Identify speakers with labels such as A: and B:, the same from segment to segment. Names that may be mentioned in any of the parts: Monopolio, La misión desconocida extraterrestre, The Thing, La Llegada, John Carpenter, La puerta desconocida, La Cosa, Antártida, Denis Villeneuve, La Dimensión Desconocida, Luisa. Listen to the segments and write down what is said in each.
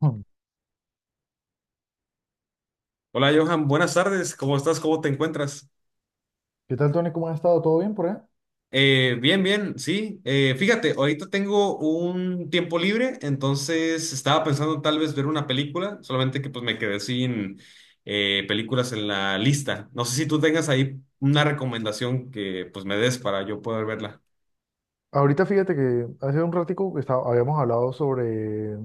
A: Hmm.
B: Hola Johan, buenas tardes, ¿cómo estás? ¿Cómo te encuentras?
A: ¿Qué tal, Tony? ¿Cómo has estado? ¿Todo bien por ahí?
B: Bien, bien, sí. Fíjate, ahorita tengo un tiempo libre, entonces estaba pensando tal vez ver una película, solamente que pues me quedé sin películas en la lista. No sé si tú tengas ahí una recomendación que pues me des para yo poder verla.
A: Ahorita fíjate que hace un ratico que habíamos hablado sobre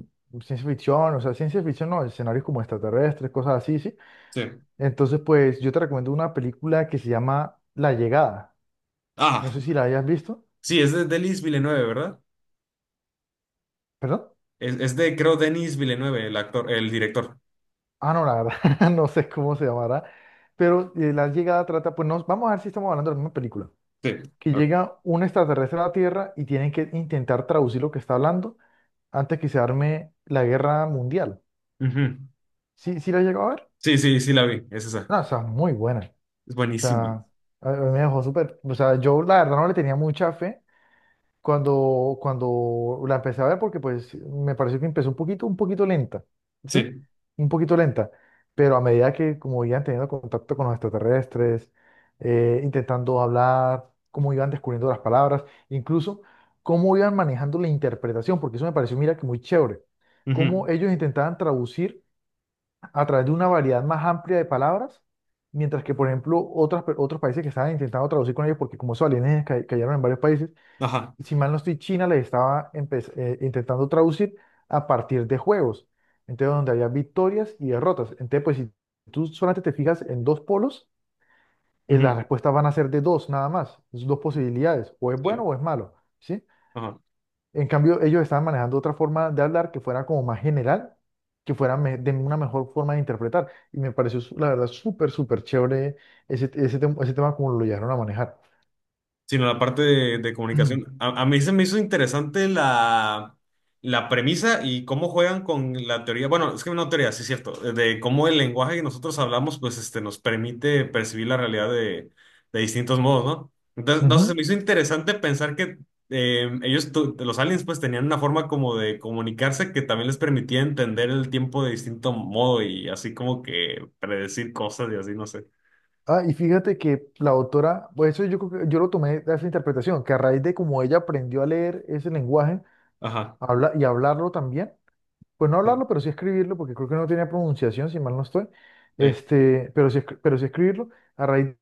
A: ciencia ficción, o sea, ciencia ficción, no, escenarios como extraterrestres, cosas así, ¿sí?
B: Sí.
A: Entonces, pues yo te recomiendo una película que se llama La Llegada. No sé
B: Ah,
A: si la hayas visto.
B: sí, es de Denis Villeneuve, ¿verdad?
A: ¿Perdón?
B: Es de, creo, Denis Villeneuve, el actor, el director.
A: Ah, no, la verdad, no sé cómo se llamará, pero La Llegada trata, pues vamos a ver si estamos hablando de la misma película,
B: Sí.
A: que
B: Ok.
A: llega un extraterrestre a la Tierra y tienen que intentar traducir lo que está hablando antes que se arme la guerra mundial.
B: Ujú.
A: ¿Sí, sí la llegó a ver?
B: Sí, sí, sí la vi, es esa.
A: No, o sea, muy buena.
B: Es
A: O sea,
B: buenísimo.
A: a mí me dejó súper. O sea, yo la verdad no le tenía mucha fe cuando la empecé a ver porque pues me pareció que empezó un poquito lenta, ¿sí?
B: Sí.
A: Un poquito lenta. Pero a medida que como iban teniendo contacto con los extraterrestres, intentando hablar, cómo iban descubriendo las palabras, incluso cómo iban manejando la interpretación, porque eso me pareció, mira, que muy chévere.
B: Ujú,
A: Cómo ellos intentaban traducir a través de una variedad más amplia de palabras, mientras que, por ejemplo, otros países que estaban intentando traducir con ellos, porque como esos alienígenas cayeron en varios países,
B: ajá.
A: y si mal no estoy, China les estaba intentando traducir a partir de juegos, entonces donde había victorias y derrotas. Entonces, pues si tú solamente te fijas en dos polos, las
B: Ujú,
A: respuestas van a ser de dos nada más, es dos posibilidades, o es
B: sí,
A: bueno o es malo, ¿sí?
B: ajá.
A: En cambio, ellos estaban manejando otra forma de hablar que fuera como más general, que fuera de una mejor forma de interpretar. Y me pareció, la verdad, súper, súper chévere ese tema como lo llegaron a manejar.
B: Sino la parte de comunicación. A mí se me hizo interesante la premisa y cómo juegan con la teoría. Bueno, es que no teoría, sí es cierto. De cómo el lenguaje que nosotros hablamos, pues este, nos permite percibir la realidad de distintos modos, ¿no? Entonces, no sé, se
A: Ujú.
B: me hizo interesante pensar que ellos, los aliens, pues tenían una forma como de comunicarse que también les permitía entender el tiempo de distinto modo y así como que predecir cosas y así, no sé.
A: Ah, y fíjate que la autora, pues eso yo creo que yo lo tomé de esa interpretación, que a raíz de cómo ella aprendió a leer ese lenguaje
B: Ajá.
A: habla, y hablarlo también, pues no hablarlo, pero sí escribirlo, porque creo que no tenía pronunciación, si mal no estoy,
B: Eh,
A: pero sí, pero sí escribirlo, a raíz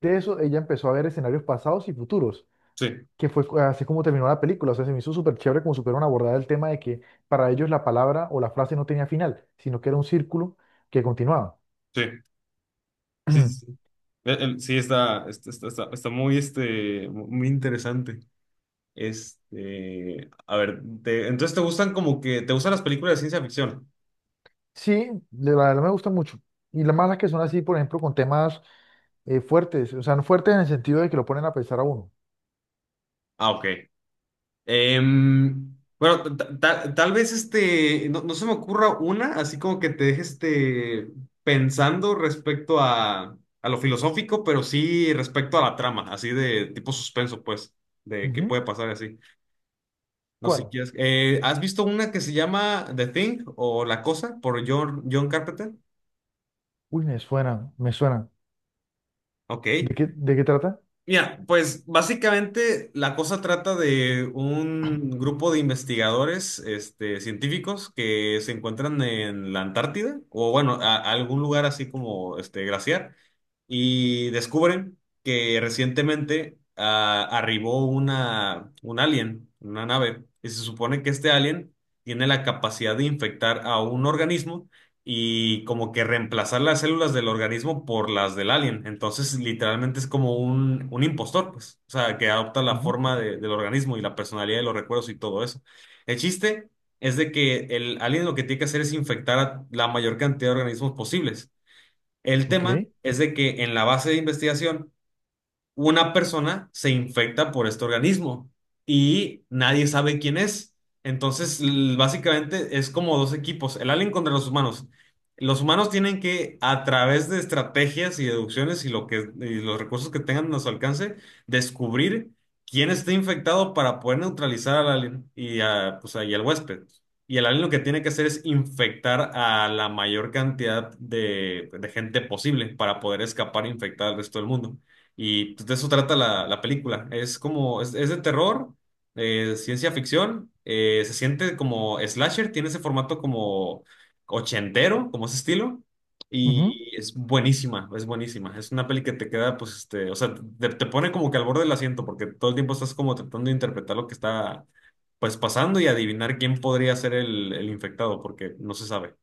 A: de eso ella empezó a ver escenarios pasados y futuros.
B: sí,
A: Que fue así como terminó la película. O sea, se me hizo súper chévere como supieron abordar el tema de que para ellos la palabra o la frase no tenía final, sino que era un círculo que continuaba.
B: sí, sí, sí, sí. Sí, está muy, muy interesante. A ver, entonces te gustan como que, te gustan las películas de ciencia ficción.
A: Sí, de la verdad me gusta mucho. Y las malas que son así, por ejemplo, con temas fuertes, o sea, no fuertes en el sentido de que lo ponen a pensar a uno.
B: Ah, ok. Bueno, tal vez no, no se me ocurra una, así como que te deje pensando respecto a lo filosófico, pero sí respecto a la trama, así de tipo suspenso, pues, de qué
A: Ujú.
B: puede pasar y así. No sé si
A: ¿Cuál?
B: quieres. ¿Has visto una que se llama The Thing o La Cosa por John Carpenter?
A: Uy, me suena, me suena. ¿De
B: Ok.
A: qué, de qué trata?
B: Mira, pues básicamente la cosa trata de un grupo de investigadores, científicos que se encuentran en la Antártida o bueno, a algún lugar así como este glaciar y descubren que recientemente arribó una, un alien, una nave, y se supone que este alien tiene la capacidad de infectar a un organismo y como que reemplazar las células del organismo por las del alien. Entonces, literalmente es como un impostor, pues, o sea, que adopta la
A: Ujú.
B: forma del organismo y la personalidad de los recuerdos y todo eso. El chiste es de que el alien lo que tiene que hacer es infectar a la mayor cantidad de organismos posibles. El
A: Ok.
B: tema es de que en la base de investigación una persona se infecta por este organismo y nadie sabe quién es. Entonces, básicamente es como dos equipos, el alien contra los humanos. Los humanos tienen que, a través de estrategias y deducciones y los recursos que tengan a su alcance, descubrir quién está infectado para poder neutralizar al alien y, a, pues, ahí al huésped. Y el alien lo que tiene que hacer es infectar a la mayor cantidad de gente posible para poder escapar e infectar al resto del mundo. Y pues, de eso trata la película. Es como, es de terror, ciencia ficción, se siente como slasher, tiene ese formato como ochentero, como ese estilo,
A: Ujú.
B: y es buenísima, es buenísima. Es una peli que te queda, pues, o sea, te pone como que al borde del asiento, porque todo el tiempo estás como tratando de interpretar lo que está, pues, pasando y adivinar quién podría ser el infectado, porque no se sabe.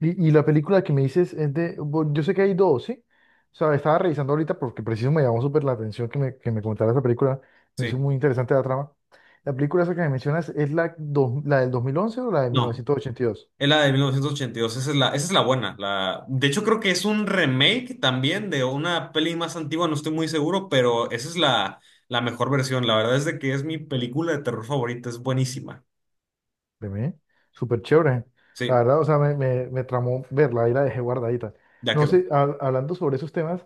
A: Y la película que me dices es yo sé que hay dos, ¿sí? O sea, estaba revisando ahorita porque preciso me llamó súper la atención que me comentara esa película, me
B: Sí.
A: hizo muy interesante la trama. La película esa que me mencionas es la del 2011 o la de
B: No,
A: 1982.
B: es la de 1982, esa es la buena. La, de hecho, creo que es un remake también de una peli más antigua, no estoy muy seguro, pero esa es la mejor versión. La verdad es de que es mi película de terror favorita, es buenísima.
A: De mí, súper chévere. La
B: Sí,
A: verdad, o sea, me tramó verla y la dejé guardadita.
B: ya
A: No
B: quedó.
A: sé, hablando sobre esos temas,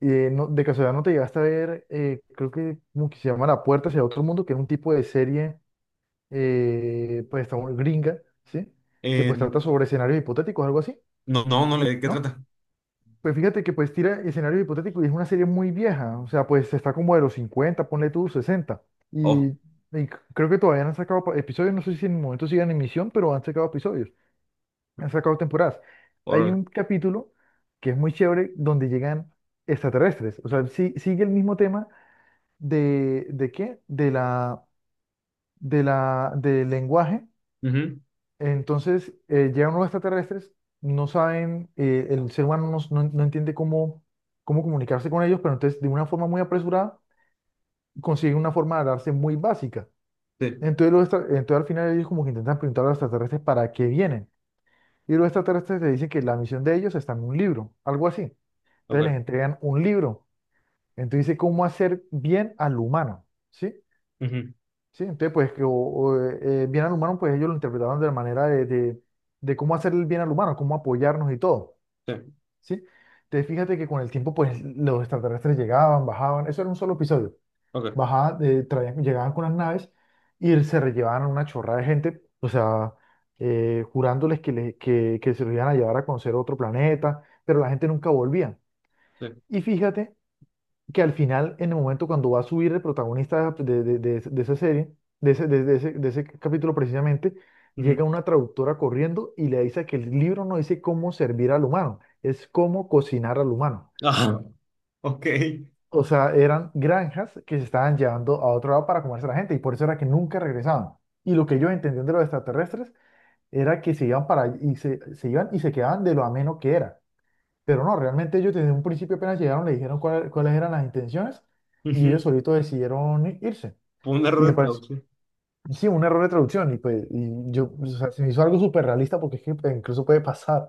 A: de casualidad no te llegaste a ver, creo que como que se llama La Puerta hacia otro mundo, que era un tipo de serie gringa, ¿sí? Que
B: Eh,
A: pues trata sobre escenarios hipotéticos, algo así,
B: no, no, no, ¿de qué
A: ¿no?
B: trata?
A: Pues fíjate que pues tira escenarios hipotéticos y es una serie muy vieja, o sea, pues está como de los 50, ponle tú sesenta. Y,
B: Oh,
A: y c- creo que todavía no han sacado episodios, no sé si en el momento sigan en emisión, pero han sacado episodios, han sacado temporadas. Hay
B: por.
A: un capítulo que es muy chévere donde llegan extraterrestres, o sea, sigue el mismo tema ¿de qué? De la, del lenguaje.
B: Ujú,
A: Entonces, llegan unos extraterrestres, no saben, el ser humano no entiende cómo comunicarse con ellos, pero entonces de una forma muy apresurada consiguen una forma de darse muy básica.
B: sí,
A: Entonces al final ellos como que intentan preguntar a los extraterrestres para qué vienen. Y los extraterrestres le dicen que la misión de ellos está en un libro, algo así. Entonces les
B: ok.
A: entregan un libro. Entonces dice cómo hacer bien al humano, ¿sí?
B: Ujú,
A: Sí, entonces pues que bien al humano, pues ellos lo interpretaban de la manera de cómo hacer el bien al humano, cómo apoyarnos y todo,
B: sí,
A: ¿sí? Entonces fíjate que con el tiempo pues los extraterrestres llegaban, bajaban, eso era un solo episodio,
B: ok.
A: bajaban, llegaban con las naves y se rellevaban a una chorrada de gente, o sea, jurándoles que se los iban a llevar a conocer otro planeta, pero la gente nunca volvía.
B: Sí.
A: Y fíjate que al final, en el momento cuando va a subir el protagonista de esa serie, de ese capítulo precisamente, llega
B: Ujú.
A: una traductora corriendo y le dice que el libro no dice cómo servir al humano, es cómo cocinar al humano.
B: Ah, ok.
A: O sea, eran granjas que se estaban llevando a otro lado para comerse a la gente y por eso era que nunca regresaban. Y lo que ellos entendían de los extraterrestres era que se iban para y se iban y se quedaban de lo ameno que era. Pero no, realmente ellos desde un principio apenas llegaron, le dijeron cuáles eran las intenciones y ellos
B: Ujú.
A: solitos decidieron irse.
B: Fue un
A: Y
B: error
A: me
B: de
A: pareció,
B: traducción.
A: sí, un error de traducción y pues y yo, o sea, se me hizo algo súper realista porque es que pues, incluso puede pasar.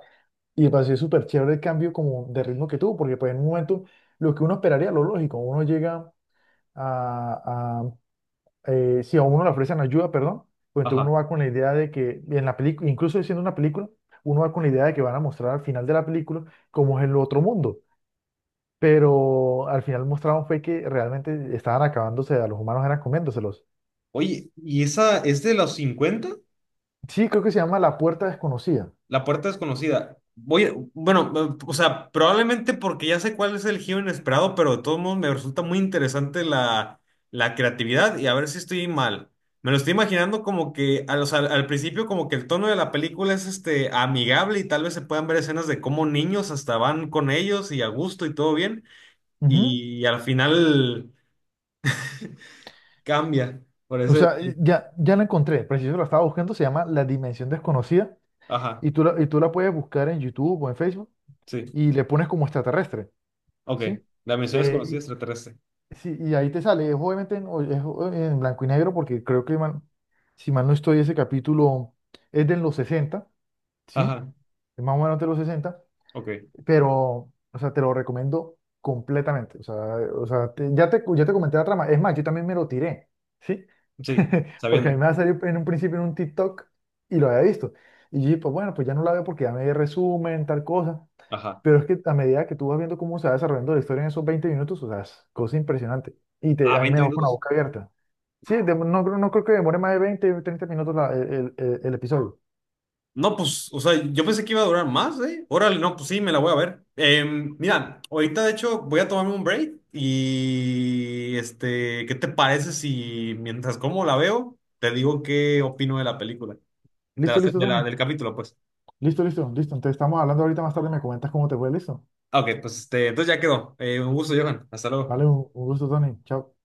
A: Y me pareció súper chévere el cambio como de ritmo que tuvo, porque pues en un momento lo que uno esperaría, lo lógico, uno llega a si a uno le ofrecen ayuda, perdón, pues entonces
B: Ajá.
A: uno va con la idea de que en la película, incluso siendo una película, uno va con la idea de que van a mostrar al final de la película cómo es el otro mundo, pero al final mostraron fue que realmente estaban acabándose, a los humanos eran comiéndoselos.
B: Oye, ¿y esa es de los cincuenta?
A: Sí, creo que se llama La Puerta Desconocida.
B: La puerta desconocida. Voy, bueno, o sea, probablemente porque ya sé cuál es el giro inesperado, pero de todos modos me resulta muy interesante la creatividad y a ver si estoy mal. Me lo estoy imaginando como que al, o sea, al principio como que el tono de la película es este amigable y tal vez se puedan ver escenas de cómo niños hasta van con ellos y a gusto y todo bien
A: Ujú.
B: y al final cambia. Por
A: O
B: ese.
A: sea, ya la encontré, preciso la estaba buscando, se llama La Dimensión Desconocida
B: Ajá,
A: y tú la puedes buscar en YouTube o en Facebook
B: sí.
A: y le pones como extraterrestre,
B: Ok.
A: ¿sí?
B: La misión desconocida
A: Eh,
B: extraterrestre.
A: y, sí, y ahí te sale, es obviamente en, o- es o- en blanco y negro porque creo si mal no estoy, ese capítulo es de los 60, ¿sí?
B: Ajá,
A: Es más o menos de los 60.
B: ok.
A: Pero, o sea, te lo recomiendo completamente. O sea, ya te comenté la trama. Es más, yo también me lo tiré, ¿sí?
B: Sí,
A: Porque a
B: sabiendo.
A: mí me va a salir en un principio en un TikTok y lo había visto. Y yo, dije, pues bueno, pues ya no la veo porque ya me di resumen, tal cosa.
B: Ajá.
A: Pero es que a medida que tú vas viendo cómo se va desarrollando la historia en esos 20 minutos, o sea, es cosa impresionante.
B: Ah,
A: A mí me
B: 20
A: dejó con la
B: minutos.
A: boca abierta. Sí, no creo que demore más de 20 30 minutos el episodio.
B: No, pues, o sea, yo pensé que iba a durar más, ¿eh? Órale, no, pues sí, me la voy a ver. Mira, ahorita de hecho voy a tomarme un break y, ¿qué te parece si mientras como la veo, te digo qué opino de la película, de la
A: ¿Listo, listo, Tony?
B: del capítulo, pues?
A: Listo, listo, listo. Entonces estamos hablando ahorita más tarde, me comentas cómo te fue, listo.
B: Ah, ok, pues, entonces ya quedó. Un gusto, Johan. Hasta luego.
A: Vale, un gusto, Tony. Chao.